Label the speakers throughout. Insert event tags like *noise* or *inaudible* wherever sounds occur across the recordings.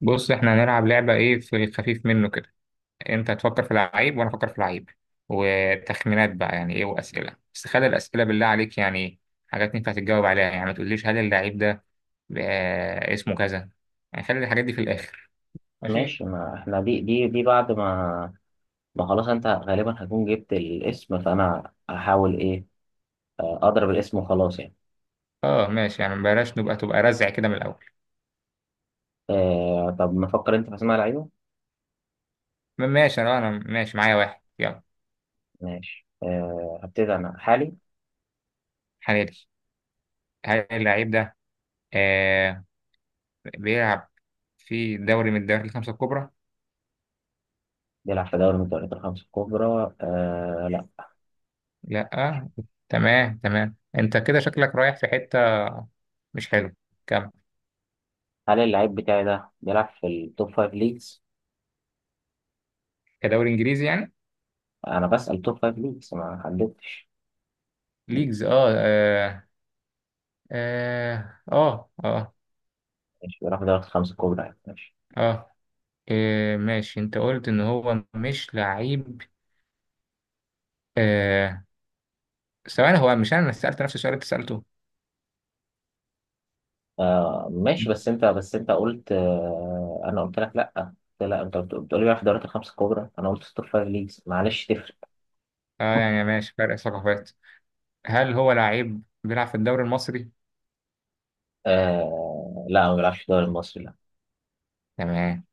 Speaker 1: بص احنا هنلعب لعبة ايه في الخفيف منه كده. انت هتفكر في العيب وانا افكر في العيب وتخمينات بقى يعني ايه واسئلة، بس خلي الاسئلة بالله عليك يعني حاجات ينفع تتجاوب عليها. يعني ما تقوليش هل اللعيب ده آه اسمه كذا، يعني خلي الحاجات دي في الاخر. ماشي.
Speaker 2: ماشي، ما احنا دي بعد ما خلاص انت غالبا هتكون جبت الاسم، فانا هحاول ايه. اضرب الاسم وخلاص يعني.
Speaker 1: اه ماشي، يعني بلاش تبقى رزع كده من الاول.
Speaker 2: طب نفكر انت في اسماء لعيبه.
Speaker 1: ماشي، انا ماشي، معايا واحد يلا.
Speaker 2: ماشي. هبتدي انا حالي.
Speaker 1: حلالي. هل اللعيب ده آه بيلعب في دوري من الدوري الخمسة الكبرى؟
Speaker 2: بيلعب في دوري من الدوريات الخمسه الكبرى؟ آه، لا.
Speaker 1: لا. تمام تمام، انت كده شكلك رايح في حتة مش حلو. كم؟
Speaker 2: هل اللعيب بتاعي ده بيلعب في التوب فايف ليجز؟
Speaker 1: كدوري انجليزي يعني؟
Speaker 2: انا بسأل توب فايف ليجز، ما حددتش.
Speaker 1: ليجز اه اه. اه اه، آه.
Speaker 2: ماشي، بيلعب في دوري الخمسه الكبرى يعني، ماشي.
Speaker 1: آه. آه، ماشي انت قلت ان هو مش لعيب. آه. ثواني، هو مش انا اللي سألت نفس السؤال اللي انت سألته؟
Speaker 2: ماشي، بس انت قلت انا قلت لك لا. قلت لا، انت بتقول لي بيلعب في الدوريات الخمس الكبرى، انا قلت ستور فايف ليجز، معلش تفرق.
Speaker 1: اه، يعني ماشي، فرق ثقافات. هل هو لعيب بيلعب في الدوري المصري؟
Speaker 2: آه، لا، ما بيلعبش في الدوري المصري، لا.
Speaker 1: تمام.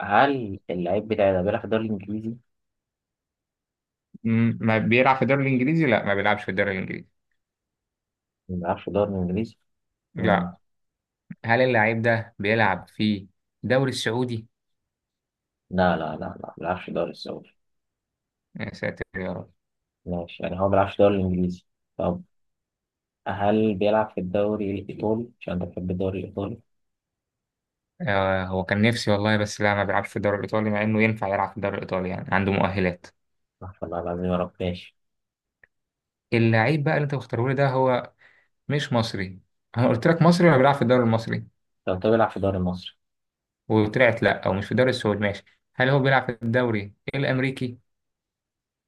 Speaker 2: هل اللعيب بتاعي ده بيلعب في الدوري الانجليزي؟
Speaker 1: ما بيلعب في الدوري الانجليزي؟ لا ما بيلعبش في الدوري الانجليزي.
Speaker 2: ما بيلعبش في الدوري الانجليزي؟ مم.
Speaker 1: لا. هل اللعيب ده بيلعب في الدوري السعودي؟
Speaker 2: لا، لا، لا، لا، ما بيلعبش في الدوري السعودي.
Speaker 1: يا ساتر يا رب.
Speaker 2: ماشي يعني، هو ما بيلعبش في الدوري الانجليزي. طب، هل بيلعب في الدوري الايطالي؟ عشان انت بتحب الدوري الايطالي؟
Speaker 1: آه، هو كان نفسي والله، بس لا ما بيلعبش في الدوري الإيطالي، مع إنه ينفع يلعب في الدوري الإيطالي، يعني عنده مؤهلات.
Speaker 2: استغفر الله العظيم يا رب، ماشي.
Speaker 1: اللعيب بقى اللي أنت مختاره لي ده هو مش مصري. أنا قلت لك مصري ولا بيلعب في الدوري المصري،
Speaker 2: طب انت، بيلعب في الدوري المصري؟
Speaker 1: وطلعت لا. أو مش في الدوري السعودي، ماشي. هل هو بيلعب في الدوري الأمريكي؟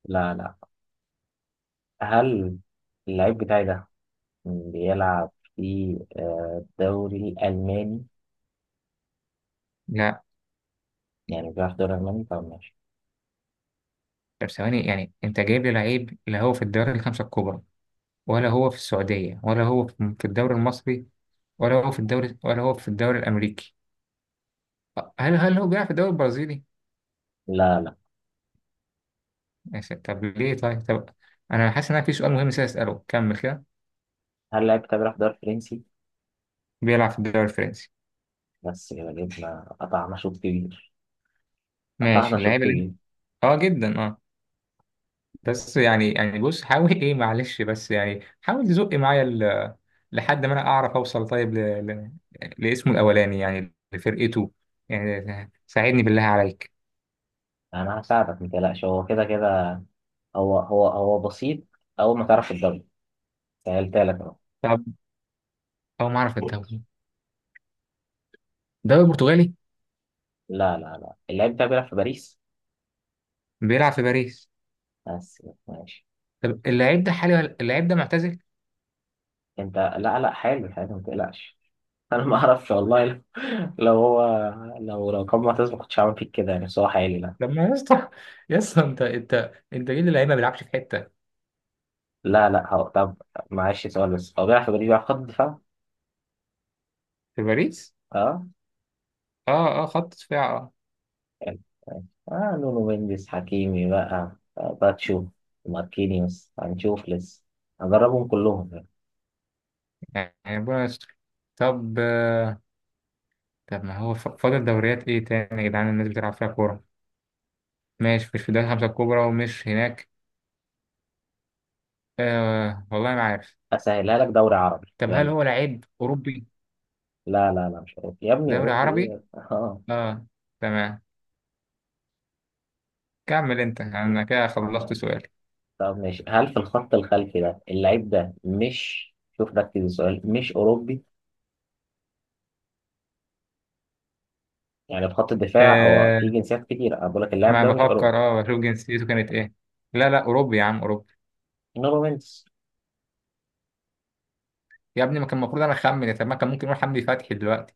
Speaker 2: لا، لا. هل اللعيب بتاعي ده بيلعب في الدوري الألماني؟
Speaker 1: لا.
Speaker 2: يعني بيلعب في الدوري الألماني، طب ماشي.
Speaker 1: طب ثواني، يعني أنت جايب لي لعيب لا هو في الدوري الخمسة الكبرى، ولا هو في السعودية، ولا هو في الدوري المصري، ولا هو في الدوري، ولا هو في الدوري الأمريكي. هل هو بيلعب في الدوري البرازيلي؟
Speaker 2: لا، لا.
Speaker 1: ماشي، طب ليه، طيب طب انا حاسس ان انا في سؤال مهم نسيت اساله، كمل كده.
Speaker 2: هل لعب كده بيلعب في الدوري الفرنسي؟
Speaker 1: بيلعب في الدوري الفرنسي.
Speaker 2: بس كده جبنا، قطعنا شوط كبير، قطعنا
Speaker 1: ماشي،
Speaker 2: شوط
Speaker 1: اللعيبه اللي انت
Speaker 2: كبير.
Speaker 1: اه جدا اه، بس يعني يعني بص حاول ايه، معلش، بس يعني حاول تزق معايا ال لحد ما انا اعرف اوصل، طيب ل ل لاسمه الاولاني يعني لفرقته، يعني ساعدني بالله عليك.
Speaker 2: أنا هساعدك متقلقش، هو كده كده، هو بسيط. أول ما تعرف الدوري، سهلتها لك أهو.
Speaker 1: طب هو ما اعرف الدوري، الدوري البرتغالي؟
Speaker 2: لا، لا، لا، اللاعب ده بيلعب في باريس.
Speaker 1: بيلعب في باريس.
Speaker 2: بس كده، ماشي.
Speaker 1: طب اللعيب ده حالي اللعيب ده معتزل؟
Speaker 2: أنت، لا، لا، حلو حلو، متقلقش. *laughs* أنا ما أعرفش والله، لو لو هو، لو كان معتز ما كنتش هعمل فيك كده يعني، بس هو حالي لا.
Speaker 1: لما يا اسطى، يا اسطى انت، انت ليه اللعيب ما بيلعبش في حته.
Speaker 2: لا، لا، هو طب، معلش سؤال بس، هو بيلعب في باريس، بيلعب خط دفاع؟
Speaker 1: في باريس.
Speaker 2: اه،
Speaker 1: اه اه، خط دفاع اه.
Speaker 2: يعني اه. نونو، مندس، حكيمي بقى، باتشو، ماركينيوس، هنشوف لسه، هجربهم كلهم يعني.
Speaker 1: يعني ربنا يستر. طب طب، ما هو فاضل دوريات ايه تاني يا جدعان الناس بتلعب فيها كورة؟ ماشي مش في الدوري الخمسة الكبرى ومش هناك، آه والله ما عارف.
Speaker 2: اسهلها لك، دوري عربي،
Speaker 1: طب هل
Speaker 2: يلا.
Speaker 1: هو لعيب أوروبي؟
Speaker 2: لا، لا، لا، مش اوروبي يا ابني،
Speaker 1: دوري
Speaker 2: اوروبي
Speaker 1: عربي؟
Speaker 2: ايه اه
Speaker 1: اه، تمام. كمل انت، انا كده خلصت سؤالي.
Speaker 2: طب ماشي، هل في الخط الخلفي ده اللعيب ده مش، شوف ركز السؤال، مش اوروبي. يعني في خط الدفاع هو،
Speaker 1: آه،
Speaker 2: في جنسيات كتير، انا بقول لك اللاعب
Speaker 1: ما
Speaker 2: ده مش اوروبي.
Speaker 1: بفكر، اه بشوف جنسيته كانت ايه. لا لا أوروبي يا عم أوروبي.
Speaker 2: نونو مندس.
Speaker 1: يا ابني ما كان المفروض انا اخمن، طب ما كان ممكن يقول حمدي فتحي دلوقتي.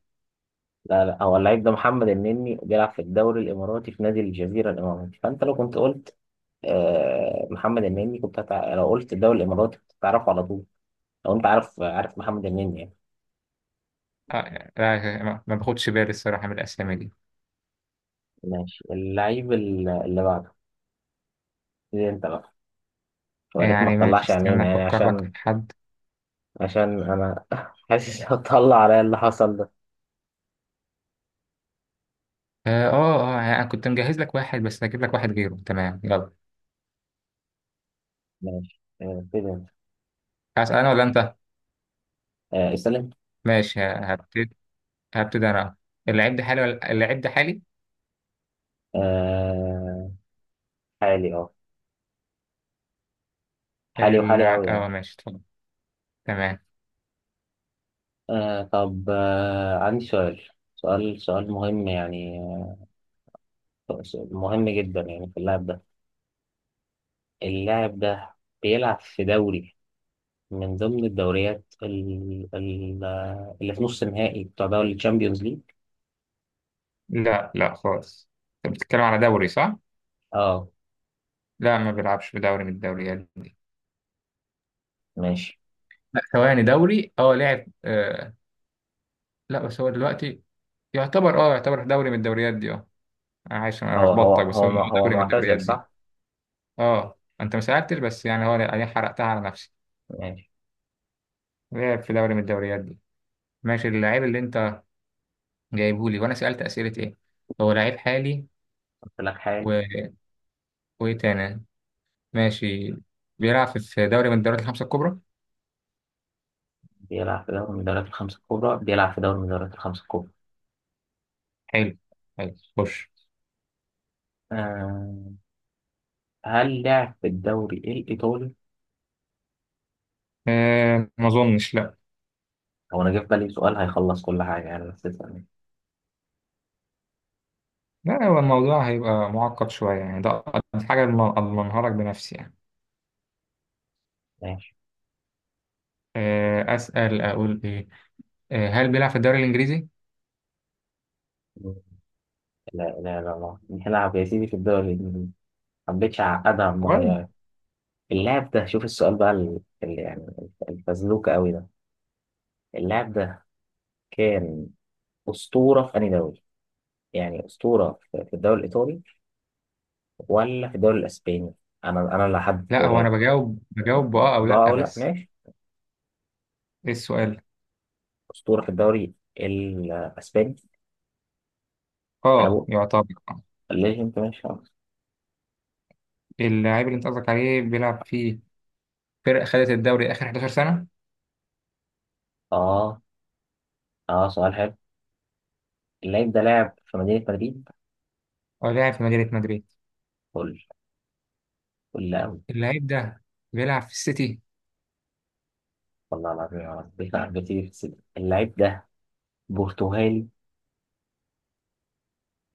Speaker 2: لا، لا، هو اللعيب ده محمد النني، بيلعب في الدوري الاماراتي في نادي الجزيره الاماراتي. فانت لو كنت قلت محمد النني كنت لو قلت الدوري الاماراتي كنت هتعرفه على طول. لو انت عارف، عارف محمد النني يعني.
Speaker 1: آه يعني لا، ما باخدش بالي الصراحة من الأسامي دي.
Speaker 2: ماشي، اللعيب اللي بعده، دي انت بقى، يا ريت ما
Speaker 1: يعني ماشي،
Speaker 2: تطلعش
Speaker 1: استنى
Speaker 2: عينينا يعني،
Speaker 1: افكر لك في
Speaker 2: عشان
Speaker 1: حد.
Speaker 2: عشان انا *laughs* حاسس هتطلع عليا اللي حصل ده.
Speaker 1: اه اه آه، يعني انا كنت مجهز لك واحد بس هجيب لك واحد غيره، تمام يلا.
Speaker 2: ماشي. كده انت.
Speaker 1: هسأل انا ولا انت؟
Speaker 2: استلم.
Speaker 1: ماشي، هبتدي، هبتدي انا. اللعيب ده حالي ولا اللعيب ده حالي؟
Speaker 2: آه حالي اه، حالي وحالي قوي يعني.
Speaker 1: اه ماشي اتفضل. تمام.
Speaker 2: طب، عندي سؤال، سؤال مهم يعني، مهم جدا يعني. في اللاعب ده، اللاعب ده بيلعب في دوري من ضمن الدوريات اللي في نص النهائي بتاع دوري الشامبيونز ليج.
Speaker 1: لا لا خالص. انت بتتكلم على دوري صح؟
Speaker 2: اه
Speaker 1: لا ما بيلعبش في دوري من الدوريات دي.
Speaker 2: ماشي.
Speaker 1: لا ثواني، دوري اه لعب آه، لا بس هو دلوقتي يعتبر، اه يعتبر في دوري من الدوريات دي اه. انا عايش، انا
Speaker 2: هو هو
Speaker 1: لخبطتك، بس
Speaker 2: هو
Speaker 1: هو
Speaker 2: م- هو
Speaker 1: دوري من الدوريات
Speaker 2: معتزل،
Speaker 1: دي.
Speaker 2: صح؟
Speaker 1: اه انت ما سألتش، بس يعني هو انا حرقتها على نفسي.
Speaker 2: ماشي،
Speaker 1: لعب في دوري من الدوريات دي. ماشي، اللعيب اللي انت جايبه لي وانا سألت أسئلة ايه؟ هو لعيب حالي
Speaker 2: قلت لك حال.
Speaker 1: و وايه تاني؟ ماشي، بيلعب في دوري من الدوريات الخمسة الكبرى.
Speaker 2: بيلعب في دوري من الدوريات الخمسة الكبرى، بيلعب في دوري من الدوريات الخمسة الكبرى.
Speaker 1: حلو، حلو خش.
Speaker 2: آه. هل لعب في الدوري الإيطالي؟
Speaker 1: آه ما اظنش لا.
Speaker 2: هو أنا جه في بالي سؤال هيخلص كل حاجة يعني، بس اسألني.
Speaker 1: لا هو الموضوع هيبقى معقد شوية يعني، ده أقل حاجة اضمنها لك بنفسي يعني.
Speaker 2: ماشي.
Speaker 1: آه، أسأل أقول ايه، آه هل بيلعب في الدوري الإنجليزي؟
Speaker 2: لا، لا، لا، لا، بيلعب يا سيدي في الدوري الإنجليزي، حبيتش أعقدها المرة دي.
Speaker 1: كويس.
Speaker 2: اللاعب ده، شوف السؤال بقى اللي يعني الفزلوكة قوي ده. اللاعب ده كان أسطورة في أنهي دوري؟ يعني أسطورة في الدوري الإيطالي، ولا في الدوري الإسباني؟ أنا اللي هحدد
Speaker 1: لا هو انا
Speaker 2: الدوريات
Speaker 1: بجاوب بجاوب بآه او
Speaker 2: بقى،
Speaker 1: لا
Speaker 2: أو لأ،
Speaker 1: بس.
Speaker 2: ماشي.
Speaker 1: ايه السؤال؟
Speaker 2: أسطورة في الدوري الإسباني، أنا
Speaker 1: اه
Speaker 2: بقول.
Speaker 1: يعتبر آه.
Speaker 2: ليه أنت؟ ماشي خلاص.
Speaker 1: اللاعب اللي انت قصدك عليه بيلعب في فرق خدت الدوري آخر 11 سنة،
Speaker 2: آه، آه، سؤال حلو. اللاعب ده لاعب في مدينة مدريد؟
Speaker 1: ولعب في مدينة مدريد.
Speaker 2: قول، قول قوي.
Speaker 1: اللعيب ده بيلعب في السيتي.
Speaker 2: والله العظيم يا رب بيقع بتيجي في السجن، اللاعب ده برتغالي؟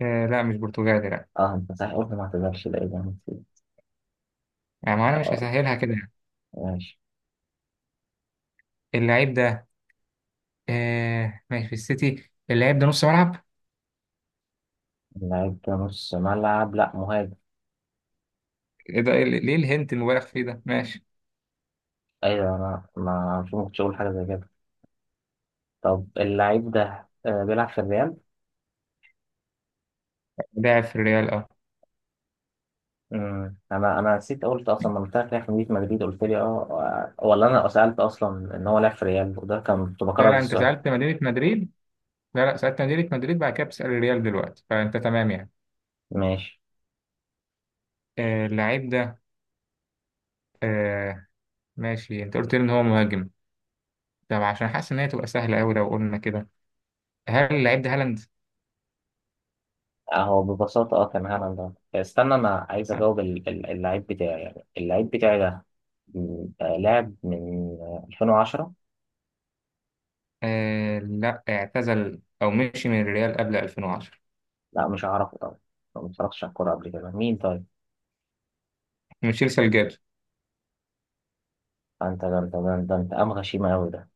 Speaker 1: آه لا مش برتغالي لا.
Speaker 2: آه، أنت صحيح قلت، ما اعتذرش، لا إيه ده، أنا نسيت.
Speaker 1: يعني ما أنا مش
Speaker 2: اه
Speaker 1: هسهلها كده.
Speaker 2: ماشي.
Speaker 1: اللعيب ده آه ماشي في السيتي. اللعيب ده نص ملعب؟
Speaker 2: لعيب نص ملعب؟ لا، مهاجم.
Speaker 1: إيه ده إيه، ليه الهنت المبالغ فيه ده، ماشي.
Speaker 2: ايوه انا، ما مش ممكن اقول حاجه زي كده. طب اللعيب ده بيلعب في الريال.
Speaker 1: لاعب في الريال اه.
Speaker 2: مم. انا نسيت، قلت اصلا لما بتاعك لعب في مدينه مدريد قلت لي اه. ولا انا سالت اصلا ان هو لعب في الريال وده كان كنت
Speaker 1: لا
Speaker 2: بكرر
Speaker 1: لا، أنت
Speaker 2: السؤال؟
Speaker 1: سألت مدينة مدريد. لا لا، سألت مدينة مدريد، بعد كده بتسأل الريال دلوقتي، فأنت تمام يعني.
Speaker 2: ماشي،
Speaker 1: آه اللعيب ده آه ماشي، أنت قلت لي إن هو مهاجم، طب عشان حاسس إن هي تبقى سهلة أوي لو قلنا كده، هل اللعيب ده هالاند؟
Speaker 2: اهو ببساطه كان هالاند. ده استنى، انا عايز اجاوب اللعيب بتاعي يعني، اللعيب بتاعي ده لعب من 2010.
Speaker 1: آه لا، اعتزل أو مشي من الريال قبل 2010.
Speaker 2: لا، مش هعرفه طبعا، ما اتفرجتش على الكوره قبل كده، مين طيب؟
Speaker 1: ميشيل سالجادو.
Speaker 2: انت انتقام غشيم قوي ده،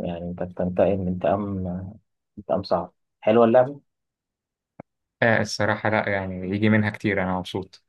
Speaker 2: يعني انت بتنتقم انتقام، انتقام صعب. حلوه اللعبه.
Speaker 1: آه الصراحة لا، يعني يجي منها كتير، أنا مبسوط.